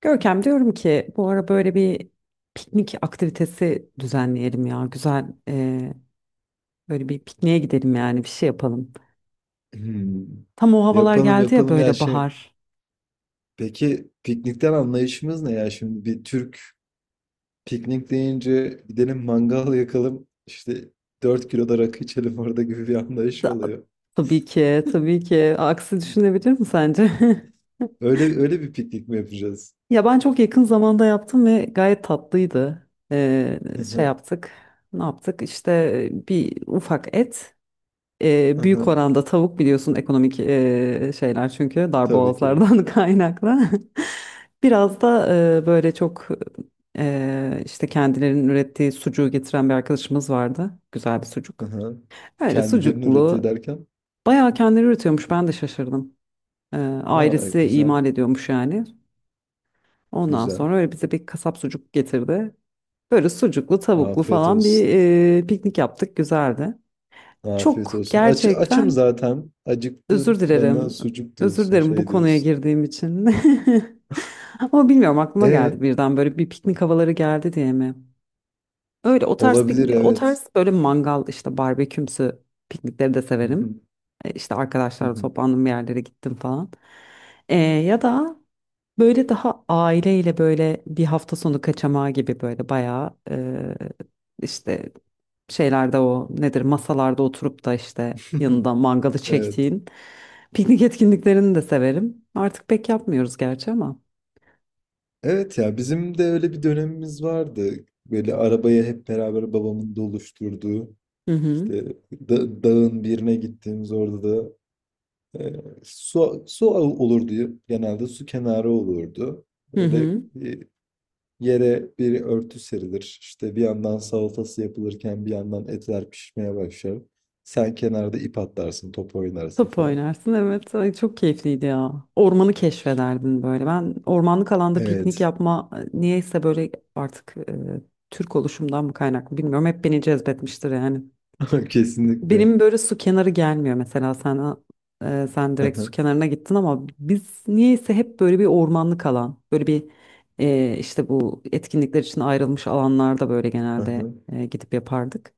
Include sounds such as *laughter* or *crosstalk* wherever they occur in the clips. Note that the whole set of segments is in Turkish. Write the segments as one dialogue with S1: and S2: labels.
S1: Görkem, diyorum ki bu ara böyle bir piknik aktivitesi düzenleyelim ya. Güzel, böyle bir pikniğe gidelim, yani bir şey yapalım.
S2: Hımm.
S1: Tam o havalar
S2: Yapalım,
S1: geldi ya,
S2: yapalım ya
S1: böyle bahar.
S2: peki piknikten anlayışımız ne ya? Şimdi bir Türk piknik deyince gidelim mangal yakalım işte dört kilo da rakı içelim orada gibi bir anlayış
S1: Da,
S2: oluyor.
S1: tabii ki tabii ki, aksi düşünebilir mi sence? *laughs*
S2: Öyle öyle bir piknik mi yapacağız?
S1: Ya ben çok yakın zamanda yaptım ve gayet tatlıydı.
S2: *laughs*
S1: Şey
S2: Hı.
S1: yaptık, ne yaptık işte, bir ufak et. Büyük oranda tavuk, biliyorsun, ekonomik şeyler çünkü
S2: Tabii ki.
S1: darboğazlardan *laughs* kaynaklı. *laughs* Biraz da böyle çok işte kendilerinin ürettiği sucuğu getiren bir arkadaşımız vardı. Güzel bir sucuk.
S2: Hı hı.
S1: Öyle
S2: Kendilerini üretiyor
S1: sucuklu.
S2: derken?
S1: Bayağı kendileri üretiyormuş, ben de şaşırdım. E,
S2: Aa,
S1: Ailesi
S2: güzel.
S1: imal ediyormuş yani. Ondan
S2: Güzel.
S1: sonra öyle bize bir kasap sucuk getirdi. Böyle sucuklu tavuklu
S2: Afiyet
S1: falan bir
S2: olsun.
S1: piknik yaptık, güzeldi.
S2: Afiyet
S1: Çok
S2: olsun. Açım
S1: gerçekten
S2: zaten.
S1: özür
S2: Acıktım.
S1: dilerim.
S2: Bana sucuk
S1: Özür
S2: diyorsun.
S1: dilerim bu
S2: Şey
S1: konuya
S2: diyorsun.
S1: girdiğim için. *laughs* Ama bilmiyorum, aklıma geldi
S2: E
S1: birden, böyle bir piknik havaları geldi diye mi? Öyle o tarz
S2: olabilir,
S1: piknik, o
S2: evet.
S1: tarz böyle mangal işte barbekümsü piknikleri de
S2: Hı
S1: severim.
S2: hı,
S1: İşte
S2: hı
S1: arkadaşlarla
S2: hı.
S1: toplandım, bir yerlere gittim falan. Ya da böyle daha aileyle böyle bir hafta sonu kaçamağı gibi, böyle bayağı işte şeylerde, o nedir, masalarda oturup da işte yanında
S2: *laughs*
S1: mangalı
S2: Evet.
S1: çektiğin piknik etkinliklerini de severim. Artık pek yapmıyoruz gerçi ama.
S2: Evet ya, bizim de öyle bir dönemimiz vardı. Böyle arabayı hep beraber babamın doluşturduğu.
S1: Hı hı.
S2: İşte dağın birine gittiğimiz, orada da Ee, olurdu, genelde su kenarı olurdu.
S1: Hı
S2: Böyle
S1: hı.
S2: bir yere bir örtü serilir. İşte bir yandan salatası yapılırken bir yandan etler pişmeye başlar. Sen kenarda ip atlarsın, top oynarsın
S1: Top
S2: falan.
S1: oynarsın, evet. Ay, çok keyifliydi ya. Ormanı keşfederdin böyle. Ben ormanlık alanda piknik
S2: Evet,
S1: yapma, niyeyse böyle, artık Türk oluşumdan mı kaynaklı bilmiyorum. Hep beni cezbetmiştir yani.
S2: *laughs* kesinlikle.
S1: Benim böyle su kenarı gelmiyor mesela, sen sen direkt
S2: Aha,
S1: su kenarına gittin ama biz niyeyse hep böyle bir ormanlık alan, böyle bir işte bu etkinlikler için ayrılmış alanlarda böyle genelde
S2: aha.
S1: gidip yapardık.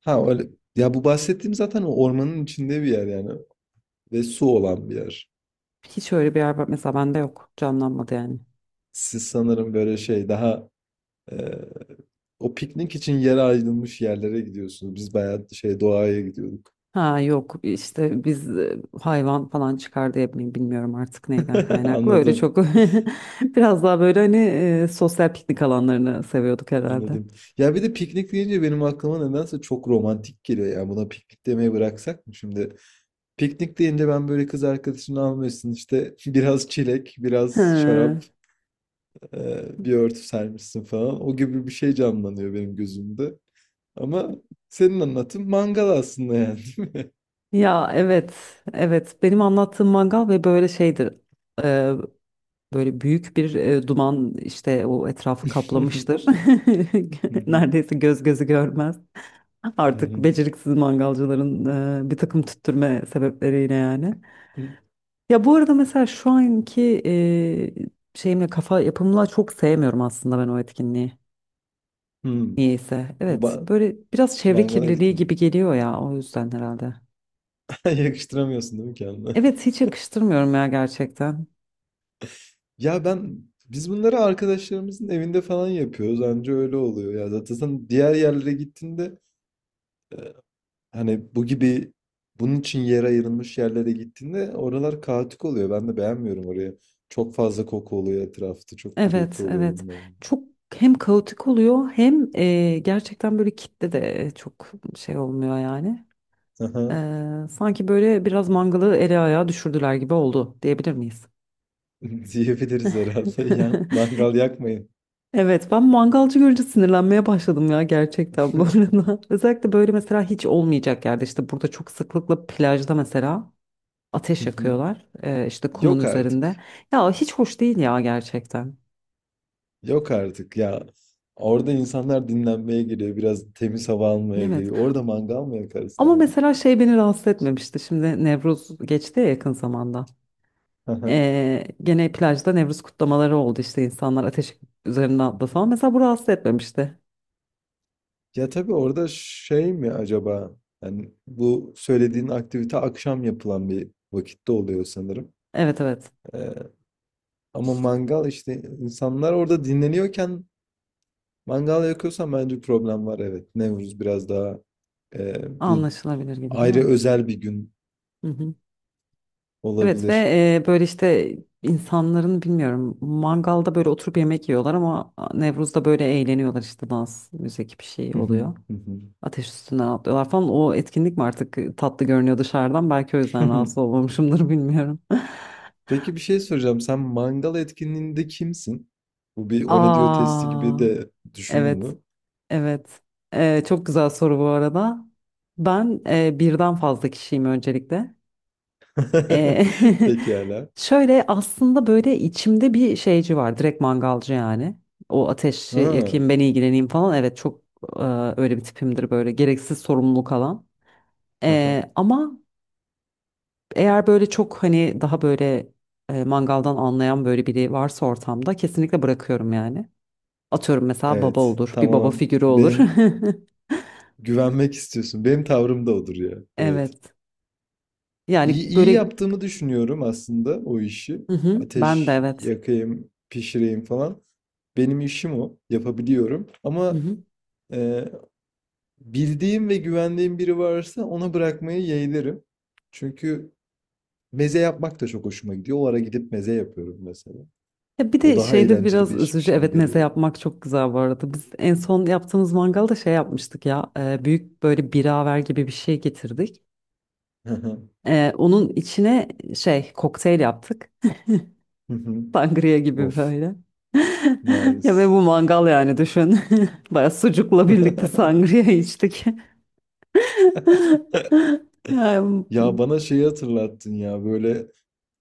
S2: Ha öyle. Ya bu bahsettiğim zaten o ormanın içinde bir yer yani, ve su olan bir yer.
S1: Hiç öyle bir yer var mesela, bende yok, canlanmadı yani.
S2: Siz sanırım böyle şey daha e, o piknik için yere ayrılmış yerlere gidiyorsunuz. Biz bayağı şey doğaya gidiyorduk.
S1: Ha yok, işte biz hayvan falan çıkar diye mi bilmiyorum, artık neyden
S2: *laughs*
S1: kaynaklı öyle
S2: Anladım.
S1: çok, *laughs* biraz daha böyle hani sosyal piknik alanlarını seviyorduk herhalde.
S2: Anladım. Ya bir de piknik deyince benim aklıma nedense çok romantik geliyor. Yani buna piknik demeyi bıraksak mı şimdi? Piknik deyince ben böyle kız arkadaşını almışsın işte *laughs* biraz çilek, biraz
S1: Hı.
S2: şarap, bir örtü sermişsin falan. O gibi bir şey canlanıyor benim gözümde. Ama senin anlatın mangal aslında yani.
S1: Ya evet, evet. Benim anlattığım mangal ve böyle şeydir. e, Böyle büyük bir duman işte o etrafı kaplamıştır. *laughs* Neredeyse göz gözü görmez. Artık beceriksiz mangalcıların bir takım tüttürme sebepleriyle yani. Ya bu arada mesela şu anki şeyimle, kafa yapımla çok sevmiyorum aslında ben o etkinliği. Niyeyse.
S2: *laughs* Bu
S1: Evet,
S2: ba-
S1: böyle biraz çevre
S2: mangala
S1: kirliliği
S2: etkiledi.
S1: gibi geliyor ya, o yüzden herhalde.
S2: *laughs* Yakıştıramıyorsun değil mi kendine?
S1: Evet, hiç yakıştırmıyorum ya gerçekten.
S2: Ya ben, biz bunları arkadaşlarımızın evinde falan yapıyoruz, anca öyle oluyor ya. Zaten sen diğer yerlere gittiğinde, hani bu gibi bunun için yer ayrılmış yerlere gittiğinde oralar kaotik oluyor. Ben de beğenmiyorum oraya. Çok fazla koku oluyor etrafta. Çok
S1: Evet,
S2: gürültü oluyor,
S1: evet.
S2: bilmiyorum.
S1: Çok hem kaotik oluyor hem gerçekten böyle kitle de çok şey olmuyor yani.
S2: Aha,
S1: Sanki böyle biraz mangalı ele ayağa düşürdüler gibi oldu, diyebilir miyiz?
S2: *laughs* diyebiliriz herhalde. Ya,
S1: *laughs*
S2: mangal yakmayın.
S1: Evet, ben mangalcı görünce sinirlenmeye başladım ya gerçekten
S2: *laughs*
S1: bu
S2: Hı
S1: arada. *laughs* Özellikle böyle mesela hiç olmayacak yerde, işte burada çok sıklıkla plajda mesela ateş
S2: hı.
S1: yakıyorlar. İşte kumun
S2: Yok
S1: üzerinde.
S2: artık.
S1: Ya hiç hoş değil ya gerçekten.
S2: Yok artık ya. Orada insanlar dinlenmeye geliyor. Biraz temiz hava almaya
S1: Evet,
S2: geliyor. Orada mangal mı yakarsın
S1: ama
S2: abi?
S1: mesela şey beni rahatsız etmemişti, şimdi Nevruz geçti ya yakın zamanda.
S2: Hı hı.
S1: Gene plajda Nevruz kutlamaları oldu, işte insanlar ateş üzerine atla falan, mesela bu rahatsız etmemişti.
S2: Ya tabii, orada şey mi acaba? Yani bu söylediğin aktivite akşam yapılan bir vakitte oluyor sanırım.
S1: Evet, evet,
S2: Ee, ama mangal işte insanlar orada dinleniyorken mangal yakıyorsan bence problem var, evet. Nevruz biraz daha bu
S1: anlaşılabilir gibi değil
S2: ayrı
S1: mi?
S2: özel bir gün
S1: Hı hı. Evet ve
S2: olabilir.
S1: böyle işte insanların, bilmiyorum, mangalda böyle oturup yemek yiyorlar ama Nevruz'da böyle eğleniyorlar, işte dans, müzik, bir şey
S2: Hı hı,
S1: oluyor.
S2: hı
S1: Ateş üstünden atlıyorlar falan. O etkinlik mi artık tatlı görünüyor dışarıdan? Belki o yüzden
S2: hı.
S1: rahatsız olmamışımdır bilmiyorum.
S2: *laughs* Peki bir şey soracağım. Sen mangal etkinliğinde kimsin? Bu bir
S1: *laughs*
S2: "o ne diyor" testi gibi
S1: Aa,
S2: de, düşündün
S1: evet,
S2: mü?
S1: evet. Çok güzel soru bu arada. Ben birden fazla kişiyim öncelikle. Ee,
S2: *laughs* Pekala.
S1: *laughs* Şöyle aslında, böyle içimde bir şeyci var. Direkt mangalcı yani. O ateşi
S2: Ha.
S1: yakayım, ben ilgileneyim falan. Evet, çok e, öyle bir tipimdir, böyle gereksiz sorumluluk alan.
S2: *laughs*
S1: Ama eğer böyle çok hani daha böyle mangaldan anlayan böyle biri varsa ortamda, kesinlikle bırakıyorum yani. Atıyorum, mesela baba
S2: Evet.
S1: olur. Bir baba
S2: Tamam.
S1: figürü olur.
S2: Benim,
S1: *laughs*
S2: güvenmek istiyorsun. Benim tavrım da odur ya. Evet.
S1: Evet. Yani
S2: İyi, iyi
S1: böyle,
S2: yaptığımı düşünüyorum aslında o işi.
S1: hı hı, ben de
S2: Ateş
S1: evet.
S2: yakayım, pişireyim falan. Benim işim o. Yapabiliyorum.
S1: Hı
S2: Ama
S1: hı.
S2: e, bildiğim ve güvendiğim biri varsa ona bırakmayı yeğlerim. Çünkü meze yapmak da çok hoşuma gidiyor. O ara gidip meze yapıyorum mesela.
S1: Ya bir
S2: O
S1: de
S2: daha
S1: şeyde
S2: eğlenceli
S1: biraz
S2: bir
S1: üzücü.
S2: işmiş gibi
S1: Evet, meze
S2: geliyor.
S1: yapmak çok güzel bu arada. Biz en son yaptığımız mangalda şey yapmıştık ya. Büyük böyle biraver gibi bir şey getirdik.
S2: *laughs*
S1: Onun içine şey, kokteyl yaptık. *laughs* Sangria gibi
S2: Of.
S1: böyle. *laughs* Ya ve
S2: Nice.
S1: bu mangal, yani düşün. *laughs* Baya sucukla birlikte
S2: *laughs*
S1: sangria içtik. *laughs* Yani,
S2: Ya bana şeyi hatırlattın ya, böyle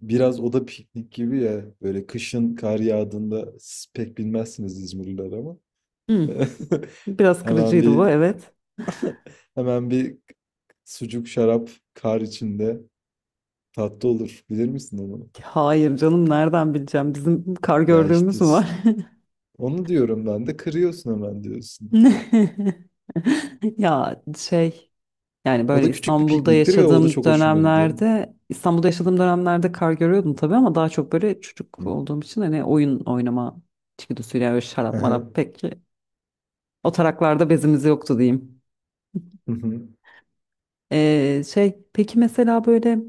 S2: biraz o da piknik gibi ya, böyle kışın kar yağdığında siz pek bilmezsiniz, İzmirliler ama
S1: hmm,
S2: *laughs*
S1: biraz
S2: hemen
S1: kırıcıydı
S2: bir
S1: bu, evet.
S2: *laughs* hemen bir sucuk şarap kar içinde tatlı olur, bilir misin onu?
S1: Hayır canım, nereden bileceğim, bizim kar
S2: Ya
S1: gördüğümüz
S2: işte
S1: mü var? *laughs*
S2: onu diyorum, ben de kırıyorsun hemen, diyorsun.
S1: *laughs* Ya şey, yani
S2: O
S1: böyle
S2: da küçük bir pikniktir ve o da çok hoşuma gidiyor.
S1: İstanbul'da yaşadığım dönemlerde kar görüyordum tabii, ama daha çok böyle çocuk
S2: Hı.
S1: olduğum için, hani oyun oynama içgüdüsüyle, öyle
S2: Hı
S1: şarap marap
S2: hı.
S1: pek o taraklarda bezimiz yoktu diyeyim.
S2: Hı hı.
S1: Şey, peki mesela böyle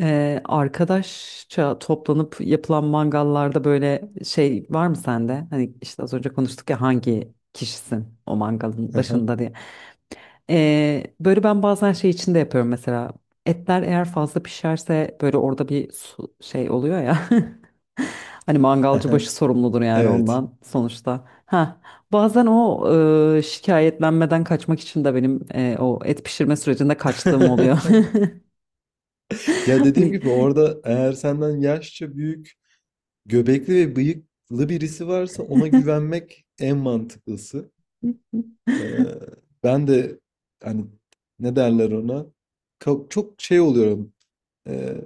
S1: arkadaşça toplanıp yapılan mangallarda böyle şey var mı sende? Hani işte az önce konuştuk ya, hangi kişisin o mangalın
S2: Hı.
S1: başında diye. Böyle ben bazen şey içinde yapıyorum mesela. Etler eğer fazla pişerse böyle orada bir su- şey oluyor ya. *laughs* Hani mangalcı başı sorumludur yani
S2: Evet.
S1: ondan sonuçta. Ha, bazen o şikayetlenmeden kaçmak için de benim, o et pişirme sürecinde kaçtığım oluyor. *laughs*
S2: *laughs* Ya dediğim
S1: Hani,
S2: gibi orada eğer senden yaşça büyük, göbekli ve bıyıklı birisi varsa ona güvenmek en mantıklısı. Ee, ben de hani, ne derler ona? Çok şey oluyorum. Ee,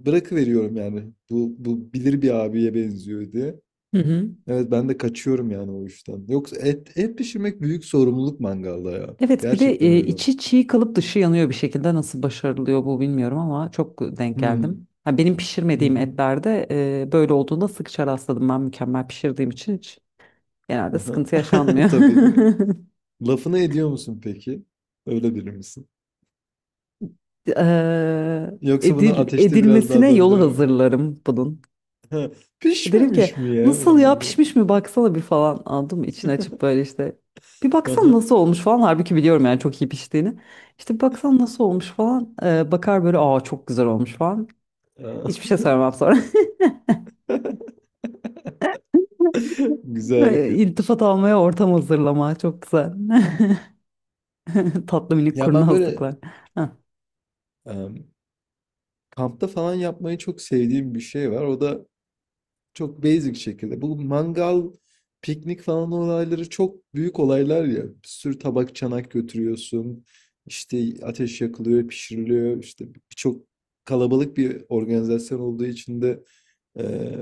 S2: bırakıveriyorum yani. Bu bilir, bir abiye benziyor diye.
S1: hı hı.
S2: Evet, ben de kaçıyorum yani o işten. Yoksa et pişirmek büyük sorumluluk mangalda ya.
S1: Evet bir de
S2: Gerçekten öyle.
S1: içi çiğ kalıp dışı yanıyor bir şekilde, nasıl başarılıyor bu bilmiyorum ama çok denk
S2: Hmm.
S1: geldim. Ha, benim pişirmediğim etlerde böyle olduğunda sıkça rastladım, ben mükemmel pişirdiğim için hiç, genelde sıkıntı
S2: *laughs*
S1: yaşanmıyor.
S2: Tabii.
S1: *laughs*
S2: Lafını ediyor musun peki? Öyle biri misin?
S1: Eee,
S2: Yoksa bunu ateşte biraz daha
S1: edilmesine yolu
S2: döndürelim.
S1: hazırlarım bunun.
S2: *laughs*
S1: Derim ki,
S2: Pişmemiş mi ya
S1: nasıl ya,
S2: bunlar falan?
S1: pişmiş mi, baksana bir, falan aldım içini açıp böyle işte bir baksana nasıl olmuş falan, halbuki biliyorum yani çok iyi piştiğini. İşte bir baksana nasıl olmuş falan. Bakar böyle, aa çok güzel olmuş falan.
S2: *laughs* Aa,
S1: Hiçbir şey sormam sonra. *laughs*
S2: *laughs* güzel
S1: Böyle
S2: hareketmiş.
S1: İltifat almaya ortam hazırlama. Çok güzel. *laughs* Tatlı minik
S2: Ya ben böyle
S1: kurnazlıklar. Heh,
S2: em, kampta falan yapmayı çok sevdiğim bir şey var. O da çok basic şekilde. Bu mangal, piknik falan olayları çok büyük olaylar ya. Bir sürü tabak, çanak götürüyorsun. İşte ateş yakılıyor, pişiriliyor. İşte birçok kalabalık bir organizasyon olduğu için de eee,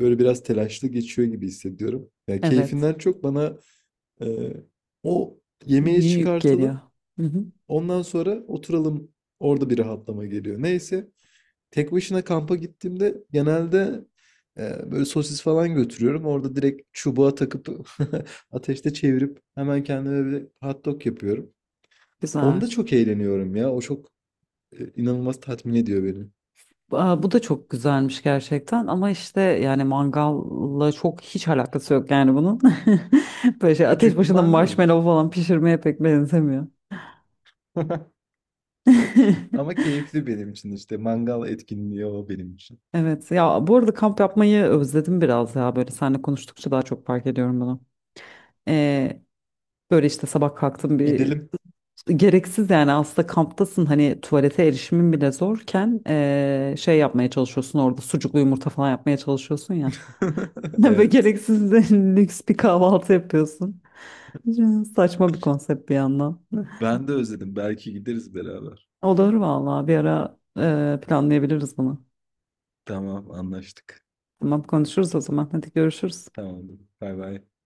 S2: böyle biraz telaşlı geçiyor gibi hissediyorum. Yani
S1: evet.
S2: keyfinden çok bana eee, o yemeği
S1: Yük geliyor.
S2: çıkartalım.
S1: Hı hı.
S2: Ondan sonra oturalım. Orada bir rahatlama geliyor. Neyse. Tek başına kampa gittiğimde genelde böyle sosis falan götürüyorum. Orada direkt çubuğa takıp *laughs* ateşte çevirip hemen kendime bir hot dog yapıyorum.
S1: Güzel.
S2: Onda çok eğleniyorum ya. O çok inanılmaz tatmin ediyor beni.
S1: Aa, bu da çok güzelmiş gerçekten, ama işte yani mangalla çok hiç alakası yok yani bunun. *laughs* Böyle şey ateş
S2: Küçük bir
S1: başında
S2: mangal
S1: marshmallow
S2: işte.
S1: falan pişirmeye pek benzemiyor.
S2: *laughs*
S1: *laughs*
S2: Ama keyifli benim için işte. Mangal etkinliği o benim için.
S1: Evet ya, bu arada kamp yapmayı özledim biraz ya, böyle seninle konuştukça daha çok fark ediyorum bunu. Ee, Böyle işte sabah kalktım bir,
S2: Gidelim.
S1: gereksiz yani aslında, kamptasın hani, tuvalete erişimin bile zorken şey yapmaya çalışıyorsun, orada sucuklu yumurta falan yapmaya çalışıyorsun ya.
S2: *laughs*
S1: *laughs* Böyle
S2: Evet.
S1: gereksiz de lüks bir kahvaltı yapıyorsun. Saçma bir konsept bir yandan.
S2: Ben de özledim. Belki gideriz beraber.
S1: Olur vallahi, bir ara planlayabiliriz bunu.
S2: Tamam, anlaştık.
S1: Tamam, konuşuruz o zaman, hadi görüşürüz.
S2: Tamam. Bay bay.